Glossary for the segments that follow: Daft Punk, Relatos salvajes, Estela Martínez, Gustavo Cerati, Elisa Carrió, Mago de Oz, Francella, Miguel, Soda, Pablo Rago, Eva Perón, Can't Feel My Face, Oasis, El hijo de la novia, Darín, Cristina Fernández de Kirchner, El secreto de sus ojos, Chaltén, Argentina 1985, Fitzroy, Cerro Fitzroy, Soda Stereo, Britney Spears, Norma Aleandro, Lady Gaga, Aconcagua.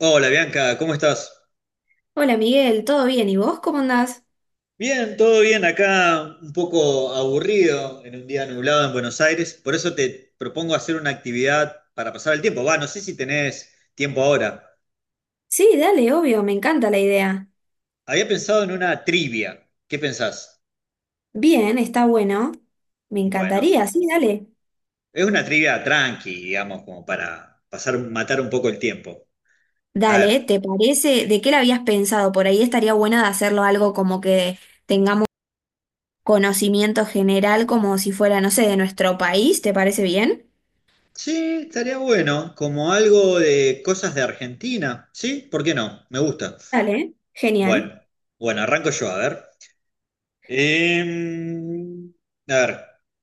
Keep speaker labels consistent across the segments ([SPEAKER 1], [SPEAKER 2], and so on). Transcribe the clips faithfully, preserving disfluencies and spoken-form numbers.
[SPEAKER 1] Hola Bianca, ¿cómo estás?
[SPEAKER 2] Hola Miguel, ¿todo bien? ¿Y vos cómo andás?
[SPEAKER 1] Bien, todo bien acá, un poco aburrido en un día nublado en Buenos Aires, por eso te propongo hacer una actividad para pasar el tiempo. Va, no sé si tenés tiempo ahora.
[SPEAKER 2] Sí, dale, obvio, me encanta la idea.
[SPEAKER 1] Había pensado en una trivia. ¿Qué pensás?
[SPEAKER 2] Bien, está bueno. Me
[SPEAKER 1] Bueno,
[SPEAKER 2] encantaría, sí, dale.
[SPEAKER 1] es una trivia tranqui, digamos, como para pasar, matar un poco el tiempo. A ver,
[SPEAKER 2] Dale, ¿te parece? ¿De qué la habías pensado? Por ahí estaría buena de hacerlo algo como que tengamos conocimiento general, como si fuera, no sé, de nuestro país, ¿te parece bien?
[SPEAKER 1] sí, estaría bueno, como algo de cosas de Argentina, ¿sí? ¿Por qué no? Me gusta.
[SPEAKER 2] Dale, genial,
[SPEAKER 1] Bueno, bueno, arranco yo, a ver. Em, a ver,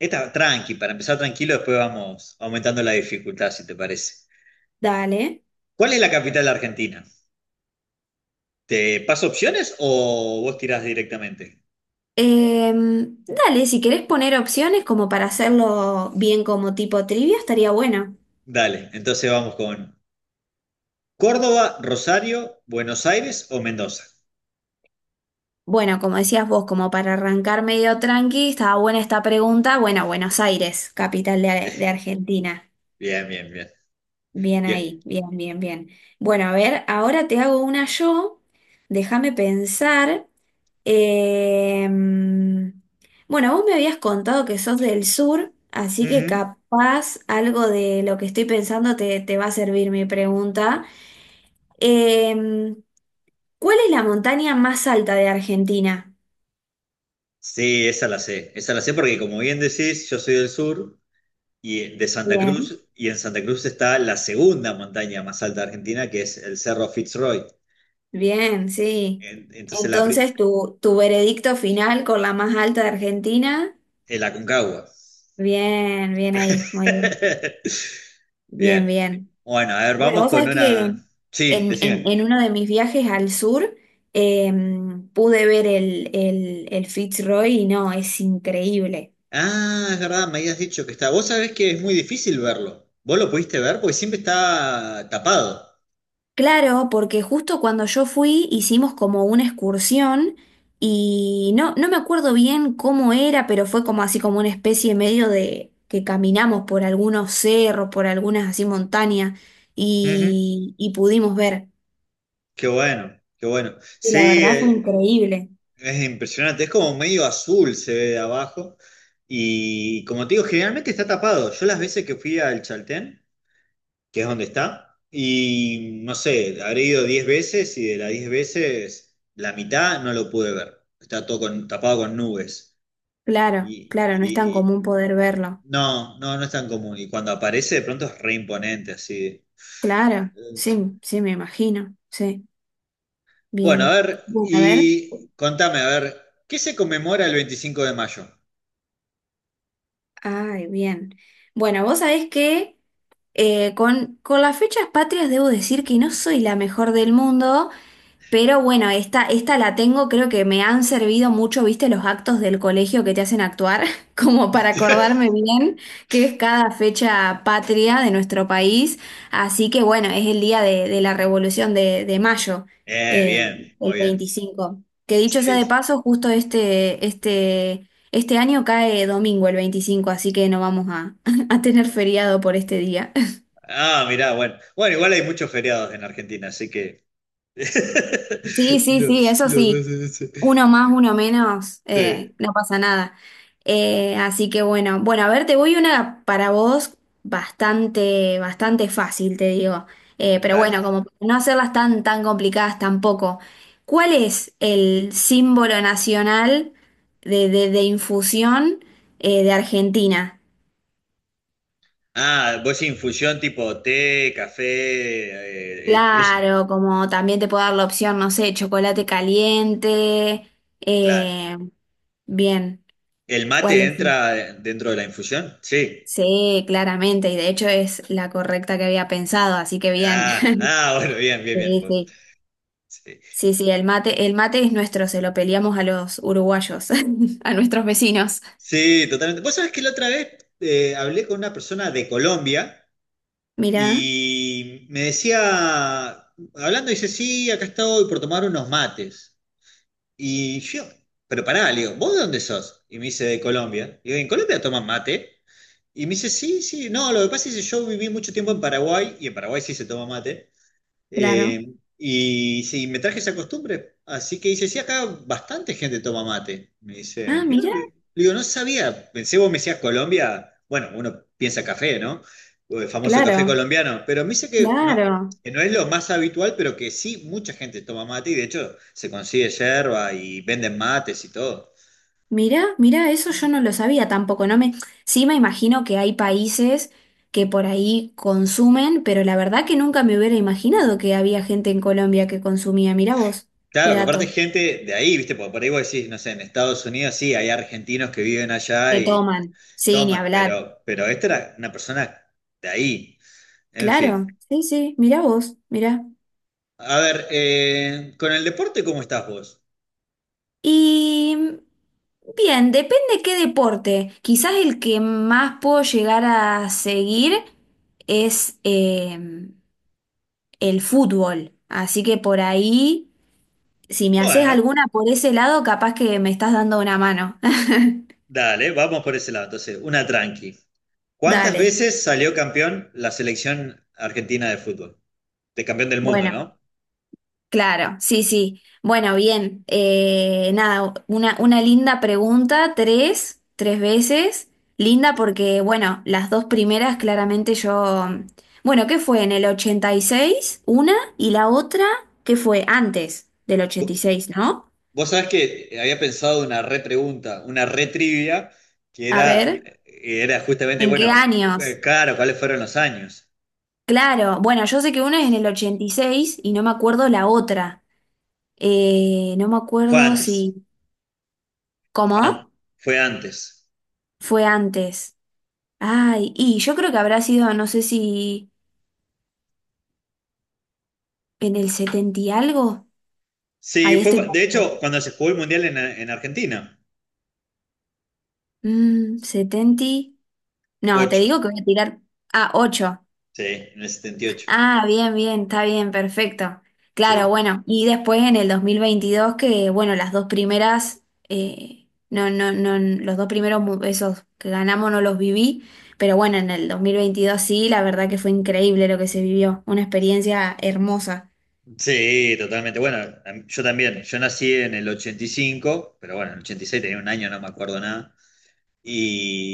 [SPEAKER 1] esta tranqui, para empezar tranquilo, después vamos aumentando la dificultad, si te parece.
[SPEAKER 2] dale.
[SPEAKER 1] ¿Cuál es la capital de Argentina? ¿Te paso opciones o vos tirás directamente?
[SPEAKER 2] Em, dale, si querés poner opciones como para hacerlo bien como tipo trivia, estaría bueno.
[SPEAKER 1] Dale, entonces vamos con Córdoba, Rosario, Buenos Aires o Mendoza.
[SPEAKER 2] Bueno, como decías vos, como para arrancar medio tranqui, estaba buena esta pregunta. Bueno, Buenos Aires, capital de, de Argentina.
[SPEAKER 1] Bien, bien, bien.
[SPEAKER 2] Bien
[SPEAKER 1] Bien.
[SPEAKER 2] ahí, bien, bien, bien. Bueno, a ver, ahora te hago una yo. Déjame pensar. Eh, bueno, vos me habías contado que sos del sur, así que
[SPEAKER 1] Ujú.
[SPEAKER 2] capaz algo de lo que estoy pensando te, te va a servir mi pregunta. Eh, ¿cuál es la montaña más alta de Argentina?
[SPEAKER 1] Sí, esa la sé. Esa la sé porque, como bien decís, yo soy del sur y de Santa Cruz, y en Santa Cruz está la segunda montaña más alta de Argentina, que es el Cerro Fitzroy.
[SPEAKER 2] Bien, sí.
[SPEAKER 1] En- Entonces la, pri-
[SPEAKER 2] Entonces, tu, tu veredicto final con la más alta de Argentina.
[SPEAKER 1] el Aconcagua.
[SPEAKER 2] Bien, bien ahí, muy bien. Bien,
[SPEAKER 1] Bien.
[SPEAKER 2] bien.
[SPEAKER 1] Bueno, a ver,
[SPEAKER 2] Bueno,
[SPEAKER 1] vamos
[SPEAKER 2] vos
[SPEAKER 1] con
[SPEAKER 2] sabés que
[SPEAKER 1] una.
[SPEAKER 2] en,
[SPEAKER 1] Sí,
[SPEAKER 2] en-
[SPEAKER 1] decime.
[SPEAKER 2] en uno de mis viajes al sur em, pude ver el, el, el Fitzroy y no, es increíble.
[SPEAKER 1] Ah, es verdad, me habías dicho que está. Vos sabés que es muy difícil verlo. ¿Vos lo pudiste ver? Porque siempre está tapado.
[SPEAKER 2] Claro, porque justo cuando yo fui hicimos como una excursión y no, no me acuerdo bien cómo era, pero fue como así como una especie medio de que caminamos por algunos cerros, por algunas así montañas
[SPEAKER 1] Ujú.
[SPEAKER 2] y, y pudimos ver.
[SPEAKER 1] Qué bueno, qué bueno.
[SPEAKER 2] Y la
[SPEAKER 1] Sí,
[SPEAKER 2] verdad fue
[SPEAKER 1] eh,
[SPEAKER 2] increíble.
[SPEAKER 1] es impresionante. Es como medio azul, se ve de abajo. Y como te digo, generalmente está tapado. Yo las veces que fui al Chaltén, que es donde está. Y no sé, habré ido diez veces y de las diez veces la mitad no lo pude ver. Está todo con- tapado con nubes.
[SPEAKER 2] Claro,
[SPEAKER 1] Y,
[SPEAKER 2] claro, no es tan
[SPEAKER 1] y- y-
[SPEAKER 2] común poder verlo.
[SPEAKER 1] no, no, no es tan común. Y cuando aparece de pronto es re imponente, así.
[SPEAKER 2] Claro, sí, sí, me imagino. Sí,
[SPEAKER 1] Bueno, a
[SPEAKER 2] bien.
[SPEAKER 1] ver,
[SPEAKER 2] Bueno, a ver.
[SPEAKER 1] y contame, a ver, ¿qué se conmemora el veinticinco de mayo?
[SPEAKER 2] Ay, bien. Bueno, vos sabés que... Eh, con, con las fechas patrias debo decir que no soy la mejor del mundo, pero bueno, esta, esta la tengo, creo que me han servido mucho, viste, los actos del colegio que te hacen actuar, como para acordarme bien que es cada fecha patria de nuestro país. Así que bueno, es el día de, de la Revolución de, de Mayo,
[SPEAKER 1] Eh,
[SPEAKER 2] eh,
[SPEAKER 1] bien,
[SPEAKER 2] el
[SPEAKER 1] muy bien.
[SPEAKER 2] veinticinco. Que dicho sea
[SPEAKER 1] Sí,
[SPEAKER 2] de
[SPEAKER 1] sí.
[SPEAKER 2] paso, justo este, este, este año cae domingo el veinticinco, así que no vamos a, a tener feriado por este día.
[SPEAKER 1] Ah, mirá, bueno. Bueno, igual hay muchos feriados en Argentina, así que...
[SPEAKER 2] Sí, sí,
[SPEAKER 1] Lo,
[SPEAKER 2] sí, eso
[SPEAKER 1] lo vas
[SPEAKER 2] sí.
[SPEAKER 1] a decir.
[SPEAKER 2] Uno más, uno menos,
[SPEAKER 1] Sí,
[SPEAKER 2] eh, no pasa nada. Eh, así que bueno, bueno, a ver, te voy una para vos bastante, bastante fácil, te digo. Eh, pero bueno,
[SPEAKER 1] dale.
[SPEAKER 2] como para no hacerlas tan, tan complicadas tampoco. ¿Cuál es el símbolo nacional de, de- de infusión eh, de Argentina?
[SPEAKER 1] Ah, vos infusión tipo té, café, eh, eh, eso,
[SPEAKER 2] Claro, como también te puedo dar la opción, no sé, chocolate caliente.
[SPEAKER 1] claro.
[SPEAKER 2] eh, bien.
[SPEAKER 1] ¿El
[SPEAKER 2] ¿Cuál
[SPEAKER 1] mate
[SPEAKER 2] es?
[SPEAKER 1] entra dentro de la infusión? Sí.
[SPEAKER 2] Sí, claramente, y de hecho es la correcta que había pensado, así que bien.
[SPEAKER 1] Ah, ah, bueno, bien, bien, bien.
[SPEAKER 2] Sí,
[SPEAKER 1] Vos.
[SPEAKER 2] sí.
[SPEAKER 1] Sí,
[SPEAKER 2] Sí, sí, el mate, el mate es nuestro, se lo peleamos a los uruguayos, a nuestros vecinos.
[SPEAKER 1] sí, totalmente. Vos sabés que la otra vez eh, hablé con una persona de Colombia
[SPEAKER 2] Mirá,
[SPEAKER 1] y me decía, hablando, dice, sí, acá estoy por tomar unos mates. Y yo, pero pará, le digo, ¿vos de dónde sos? Y me dice, de Colombia. Y digo, ¿en Colombia toman mate? Y me dice, sí, sí, no, lo que pasa es que yo viví mucho tiempo en Paraguay, y en Paraguay sí se toma mate,
[SPEAKER 2] claro.
[SPEAKER 1] eh, y sí, me traje esa costumbre. Así que dice, sí, acá bastante gente toma mate. Me
[SPEAKER 2] Ah,
[SPEAKER 1] dice, mirá,
[SPEAKER 2] mirá,
[SPEAKER 1] le digo, no sabía, pensé vos me decías Colombia, bueno, uno piensa café, ¿no? O el famoso café
[SPEAKER 2] claro,
[SPEAKER 1] colombiano, pero me dice que no,
[SPEAKER 2] claro.
[SPEAKER 1] que no es lo más habitual, pero que sí, mucha gente toma mate, y de hecho se consigue yerba y venden mates y todo.
[SPEAKER 2] Mirá, mirá, eso yo no lo sabía tampoco. No me, sí me imagino que hay países que por ahí consumen, pero la verdad que nunca me hubiera imaginado que había gente en Colombia que consumía. Mirá vos, qué
[SPEAKER 1] Claro, aparte
[SPEAKER 2] dato.
[SPEAKER 1] gente de ahí, ¿viste? Porque por ahí vos decís, no sé, en Estados Unidos sí, hay argentinos que viven allá
[SPEAKER 2] Que
[SPEAKER 1] y
[SPEAKER 2] toman. Sí, ni
[SPEAKER 1] toman,
[SPEAKER 2] hablar.
[SPEAKER 1] pero, pero esta era una persona de ahí. En
[SPEAKER 2] Claro,
[SPEAKER 1] fin.
[SPEAKER 2] sí, sí, mirá vos, mirá.
[SPEAKER 1] A ver, eh, con el deporte, ¿cómo estás vos?
[SPEAKER 2] Y bien, depende qué deporte. Quizás el que más puedo llegar a seguir es eh, el fútbol. Así que por ahí, si me haces
[SPEAKER 1] Bueno,
[SPEAKER 2] alguna por ese lado, capaz que me estás dando una mano.
[SPEAKER 1] dale, vamos por ese lado. Entonces, una tranqui. ¿Cuántas
[SPEAKER 2] Dale.
[SPEAKER 1] veces salió campeón la selección argentina de fútbol? De campeón del mundo,
[SPEAKER 2] Bueno.
[SPEAKER 1] ¿no?
[SPEAKER 2] Claro, sí, sí. Bueno, bien. Eh, nada, una, una linda pregunta, tres, tres veces. Linda porque, bueno, las dos primeras claramente yo... Bueno, ¿qué fue? En el ochenta y seis una, y la otra, ¿qué fue? Antes del ochenta y seis, ¿no?
[SPEAKER 1] Vos sabés que había pensado una repregunta, una retrivia, que
[SPEAKER 2] A
[SPEAKER 1] era,
[SPEAKER 2] ver,
[SPEAKER 1] era justamente,
[SPEAKER 2] ¿en qué
[SPEAKER 1] bueno, eh,
[SPEAKER 2] años?
[SPEAKER 1] claro, ¿cuáles fueron los años?
[SPEAKER 2] Claro, bueno, yo sé que una es en el ochenta y seis y seis y no me acuerdo la otra. Eh, no me
[SPEAKER 1] Fue
[SPEAKER 2] acuerdo
[SPEAKER 1] antes,
[SPEAKER 2] si...
[SPEAKER 1] an-
[SPEAKER 2] ¿Cómo?
[SPEAKER 1] fue antes.
[SPEAKER 2] Fue antes. Ay, y yo creo que habrá sido, no sé si en el setenta y algo.
[SPEAKER 1] Sí,
[SPEAKER 2] Ahí
[SPEAKER 1] fue,
[SPEAKER 2] estoy
[SPEAKER 1] cu- de
[SPEAKER 2] perdida.
[SPEAKER 1] hecho, cuando se jugó el Mundial en, en Argentina,
[SPEAKER 2] Mm, setenta. No, te
[SPEAKER 1] ocho,
[SPEAKER 2] digo que voy a tirar a ocho.
[SPEAKER 1] sí, en el setenta y ocho.
[SPEAKER 2] Ah, bien, bien, está bien, perfecto. Claro,
[SPEAKER 1] Sí.
[SPEAKER 2] bueno, y después en el dos mil veintidós que, bueno, las dos primeras, eh, no, no, no, los dos primeros, mu- esos que ganamos no los viví, pero bueno, en el dos mil veintidós sí, la verdad que fue increíble lo que se vivió, una experiencia hermosa.
[SPEAKER 1] Sí, totalmente. Bueno, a mí- yo también, yo nací en el ochenta y cinco pero bueno, en el ochenta y seis tenía un año, no me acuerdo nada.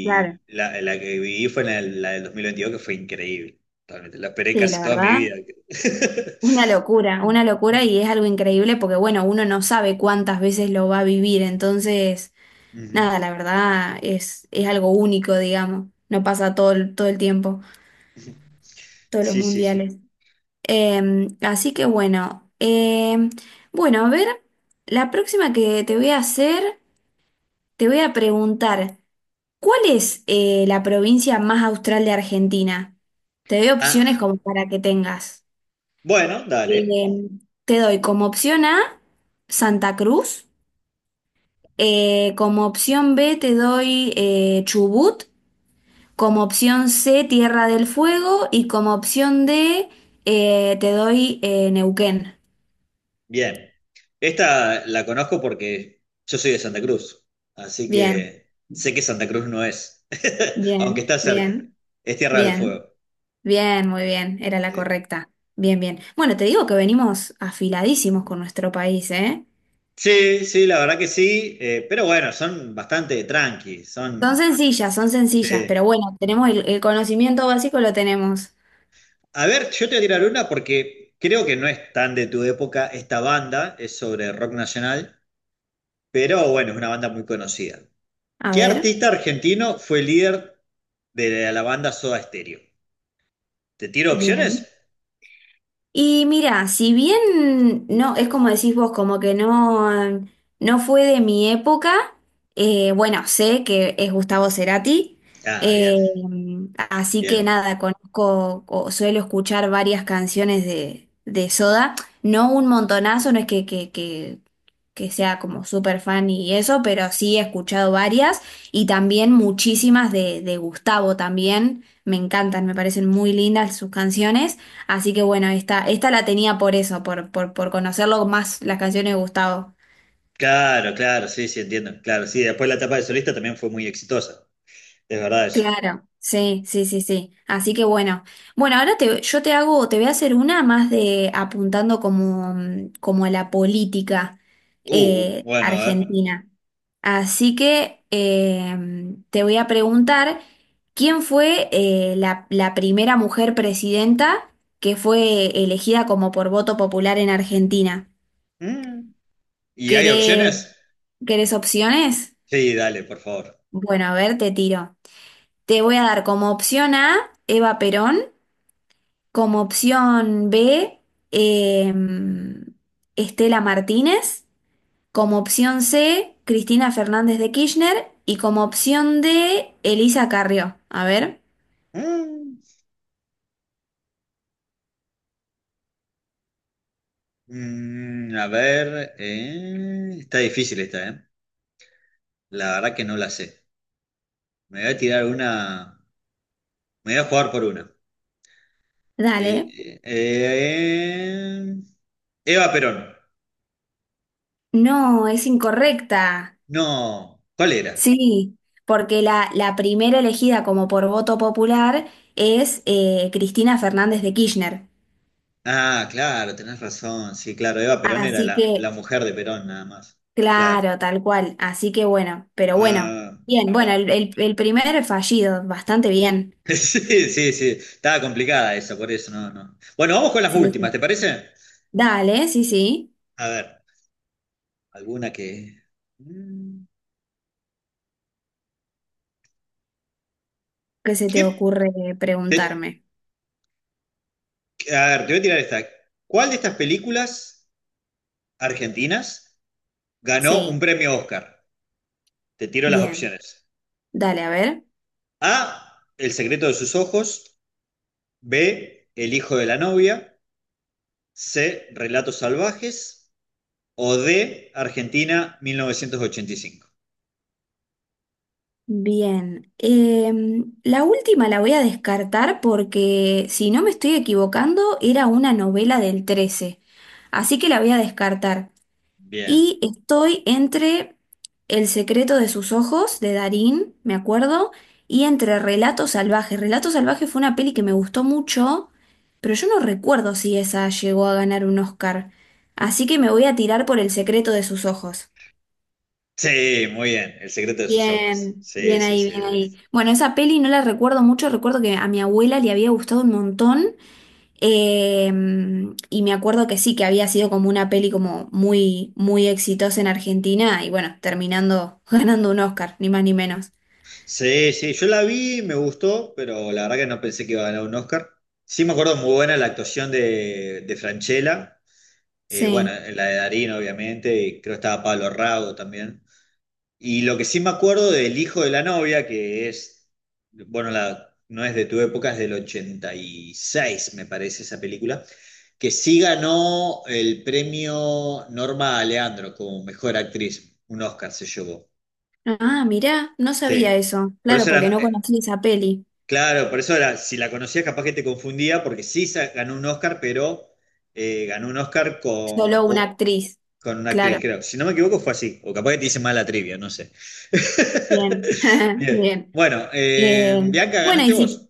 [SPEAKER 2] Claro.
[SPEAKER 1] la, la que viví fue en el- la del dos mil veintidós que fue increíble. Totalmente. La esperé
[SPEAKER 2] Sí, la
[SPEAKER 1] casi toda mi
[SPEAKER 2] verdad.
[SPEAKER 1] vida.
[SPEAKER 2] Una locura, una locura y es algo increíble porque, bueno, uno no sabe cuántas veces lo va a vivir, entonces,
[SPEAKER 1] Ujú.
[SPEAKER 2] nada, la verdad es, es algo único, digamos, no pasa todo el, todo el tiempo, todos los
[SPEAKER 1] Sí, sí, sí.
[SPEAKER 2] mundiales. Eh, así que bueno, eh, bueno, a ver, la próxima que te voy a hacer, te voy a preguntar, ¿cuál es eh, la, provincia más austral de Argentina? Te doy
[SPEAKER 1] Ah,
[SPEAKER 2] opciones como para que tengas.
[SPEAKER 1] bueno, dale.
[SPEAKER 2] Eh, te doy como opción A Santa Cruz, Eh, como opción B te doy eh, Chubut, como opción C Tierra del Fuego y como opción D eh, te doy eh, Neuquén.
[SPEAKER 1] Bien. Esta la conozco porque yo soy de Santa Cruz, así
[SPEAKER 2] Bien,
[SPEAKER 1] que sé que Santa Cruz no es, aunque
[SPEAKER 2] bien,
[SPEAKER 1] está cerca.
[SPEAKER 2] bien,
[SPEAKER 1] Es Tierra del
[SPEAKER 2] bien,
[SPEAKER 1] Fuego.
[SPEAKER 2] bien, muy bien, era la
[SPEAKER 1] Eh,
[SPEAKER 2] correcta. Bien, bien. Bueno, te digo que venimos afiladísimos con nuestro país, ¿eh?
[SPEAKER 1] Sí, sí, la verdad que sí, eh, pero bueno, son bastante tranqui,
[SPEAKER 2] Son
[SPEAKER 1] son...
[SPEAKER 2] sencillas, son
[SPEAKER 1] sí.
[SPEAKER 2] sencillas, pero bueno, tenemos el, el conocimiento básico, lo tenemos.
[SPEAKER 1] A ver, yo te voy a tirar una porque creo que no es tan de tu época esta banda, es sobre rock nacional, pero bueno, es una banda muy conocida.
[SPEAKER 2] A
[SPEAKER 1] ¿Qué
[SPEAKER 2] ver,
[SPEAKER 1] artista argentino fue el líder de la banda Soda Stereo? ¿Te tiro opciones?
[SPEAKER 2] bien. Y mira, si bien no, es como decís vos, como que no, no, fue de mi época, eh, bueno, sé que es Gustavo Cerati,
[SPEAKER 1] Ah, bien,
[SPEAKER 2] eh, así que
[SPEAKER 1] bien.
[SPEAKER 2] nada, conozco o suelo escuchar varias canciones de, de Soda, no un montonazo, no es que, que, que, que sea como súper fan y eso, pero sí he escuchado varias y también muchísimas de, de Gustavo también, me encantan, me parecen muy lindas sus canciones. Así que bueno, esta, esta la tenía por eso, por, por, por conocerlo más las canciones de Gustavo.
[SPEAKER 1] Claro, claro, sí, sí, entiendo. Claro, sí, después la etapa de solista también fue muy exitosa. Es verdad eso.
[SPEAKER 2] Claro,
[SPEAKER 1] Mm.
[SPEAKER 2] sí, sí, sí, sí. Así que bueno. Bueno, ahora te, yo te hago, te voy a hacer una más de apuntando como, mm, como a la política
[SPEAKER 1] Uh,
[SPEAKER 2] eh,
[SPEAKER 1] bueno, a ver.
[SPEAKER 2] argentina. Así que eh, te voy a preguntar quién fue eh, la, la primera mujer presidenta que fue elegida como por voto popular en Argentina.
[SPEAKER 1] Mm. ¿Y hay
[SPEAKER 2] ¿Querés,
[SPEAKER 1] opciones?
[SPEAKER 2] querés opciones?
[SPEAKER 1] Sí, dale, por favor.
[SPEAKER 2] Bueno, a ver, te tiro. Te voy a dar como opción A, Eva Perón, como opción B, eh, Estela Martínez, como opción C, Cristina Fernández de Kirchner y como opción D, Elisa Carrió. A ver,
[SPEAKER 1] Mm. Mm, a ver, eh, está difícil esta, ¿eh? La verdad que no la sé. Me voy a tirar una, me voy a jugar por una. Eh,
[SPEAKER 2] dale.
[SPEAKER 1] eh, eh, Eva Perón.
[SPEAKER 2] No, es incorrecta.
[SPEAKER 1] No, ¿cuál era?
[SPEAKER 2] Sí, porque la, la primera elegida como por voto popular es eh, Cristina Fernández de Kirchner.
[SPEAKER 1] Ah, claro, tenés razón. Sí, claro, Eva Perón era
[SPEAKER 2] Así
[SPEAKER 1] la, la
[SPEAKER 2] que,
[SPEAKER 1] mujer de Perón, nada más. Claro.
[SPEAKER 2] claro, tal cual. Así que bueno, pero bueno,
[SPEAKER 1] Ah,
[SPEAKER 2] bien, bueno, el,
[SPEAKER 1] bueno.
[SPEAKER 2] el- el primer fallido, bastante bien.
[SPEAKER 1] Sí, sí, sí. Estaba complicada esa, por eso no, no. Bueno, vamos con las
[SPEAKER 2] Sí,
[SPEAKER 1] últimas, ¿te
[SPEAKER 2] sí.
[SPEAKER 1] parece?
[SPEAKER 2] Dale, sí, sí.
[SPEAKER 1] A ver, alguna que. Mm,
[SPEAKER 2] ¿Qué se te
[SPEAKER 1] ¿qué?
[SPEAKER 2] ocurre preguntarme?
[SPEAKER 1] A ver, te voy a tirar esta. ¿Cuál de estas películas argentinas ganó un
[SPEAKER 2] Sí,
[SPEAKER 1] premio Oscar? Te tiro las
[SPEAKER 2] bien.
[SPEAKER 1] opciones.
[SPEAKER 2] Dale, a ver.
[SPEAKER 1] A, El secreto de sus ojos. B, El hijo de la novia. C, Relatos salvajes. O D, Argentina mil novecientos ochenta y cinco.
[SPEAKER 2] Bien. Em, la última la voy a descartar porque, si no me estoy equivocando, era una novela del trece. Así que la voy a descartar.
[SPEAKER 1] Bien.
[SPEAKER 2] Y estoy entre El secreto de sus ojos, de Darín, me acuerdo, y entre Relatos salvajes. Relatos salvajes fue una peli que me gustó mucho, pero yo no recuerdo si esa llegó a ganar un Oscar. Así que me voy a tirar por El secreto de sus ojos.
[SPEAKER 1] Sí, muy bien. El secreto de sus ojos.
[SPEAKER 2] Bien,
[SPEAKER 1] Sí,
[SPEAKER 2] bien
[SPEAKER 1] sí,
[SPEAKER 2] ahí,
[SPEAKER 1] sí.
[SPEAKER 2] bien ahí. Bueno, esa peli no la recuerdo mucho, recuerdo que a mi abuela le había gustado un montón. Em, y me acuerdo que sí, que había sido como una peli como muy, muy exitosa en Argentina y bueno, terminando ganando un Oscar, ni más ni menos.
[SPEAKER 1] Sí, sí. Yo la vi, me gustó, pero la verdad que no pensé que iba a ganar un Oscar. Sí me acuerdo, muy buena la actuación de, de Francella. Eh, bueno,
[SPEAKER 2] Sí.
[SPEAKER 1] la de Darín, obviamente, y creo que estaba Pablo Rago también. Y lo que sí me acuerdo del hijo de la novia, que es, bueno, la, no es de tu época, es del ochenta y seis, me parece esa película, que sí ganó el premio Norma Aleandro como mejor actriz, un Oscar se llevó.
[SPEAKER 2] Ah, mirá, no sabía
[SPEAKER 1] Sí.
[SPEAKER 2] eso.
[SPEAKER 1] Por
[SPEAKER 2] Claro,
[SPEAKER 1] eso
[SPEAKER 2] porque
[SPEAKER 1] era,
[SPEAKER 2] no
[SPEAKER 1] eh,
[SPEAKER 2] conocí esa peli.
[SPEAKER 1] claro, por eso era, si la conocías capaz que te confundía, porque sí sa- ganó un Oscar, pero eh, ganó un Oscar con,
[SPEAKER 2] Solo una
[SPEAKER 1] o-
[SPEAKER 2] actriz.
[SPEAKER 1] con una actriz,
[SPEAKER 2] Claro.
[SPEAKER 1] creo. Si no me equivoco, fue así. O capaz que te hice mal la trivia, no sé.
[SPEAKER 2] Bien,
[SPEAKER 1] Bien.
[SPEAKER 2] bien.
[SPEAKER 1] Bueno, eh,
[SPEAKER 2] Eh,
[SPEAKER 1] Bianca,
[SPEAKER 2] bueno,
[SPEAKER 1] ganaste
[SPEAKER 2] y si...
[SPEAKER 1] vos.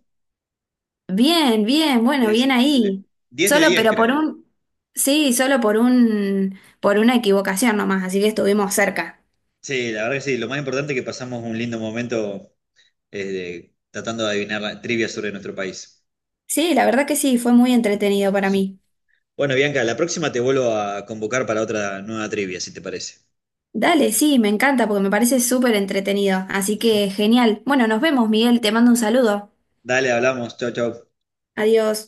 [SPEAKER 2] Bien, bien, bueno,
[SPEAKER 1] Sí,
[SPEAKER 2] bien
[SPEAKER 1] sí. Le-
[SPEAKER 2] ahí.
[SPEAKER 1] diez de
[SPEAKER 2] Solo,
[SPEAKER 1] diez,
[SPEAKER 2] pero por
[SPEAKER 1] creo.
[SPEAKER 2] un... Sí, solo por un... por una equivocación nomás, así que estuvimos cerca.
[SPEAKER 1] Sí, la verdad que sí. Lo más importante es que pasamos un lindo momento eh, de- tratando de adivinar la trivia sobre nuestro país.
[SPEAKER 2] Sí, la verdad que sí, fue muy entretenido para mí.
[SPEAKER 1] Bueno, Bianca, la próxima te vuelvo a convocar para otra nueva trivia, si te parece.
[SPEAKER 2] Dale, sí, me encanta porque me parece súper entretenido. Así que genial. Bueno, nos vemos, Miguel. Te mando un saludo.
[SPEAKER 1] Dale, hablamos. Chau, chau.
[SPEAKER 2] Adiós.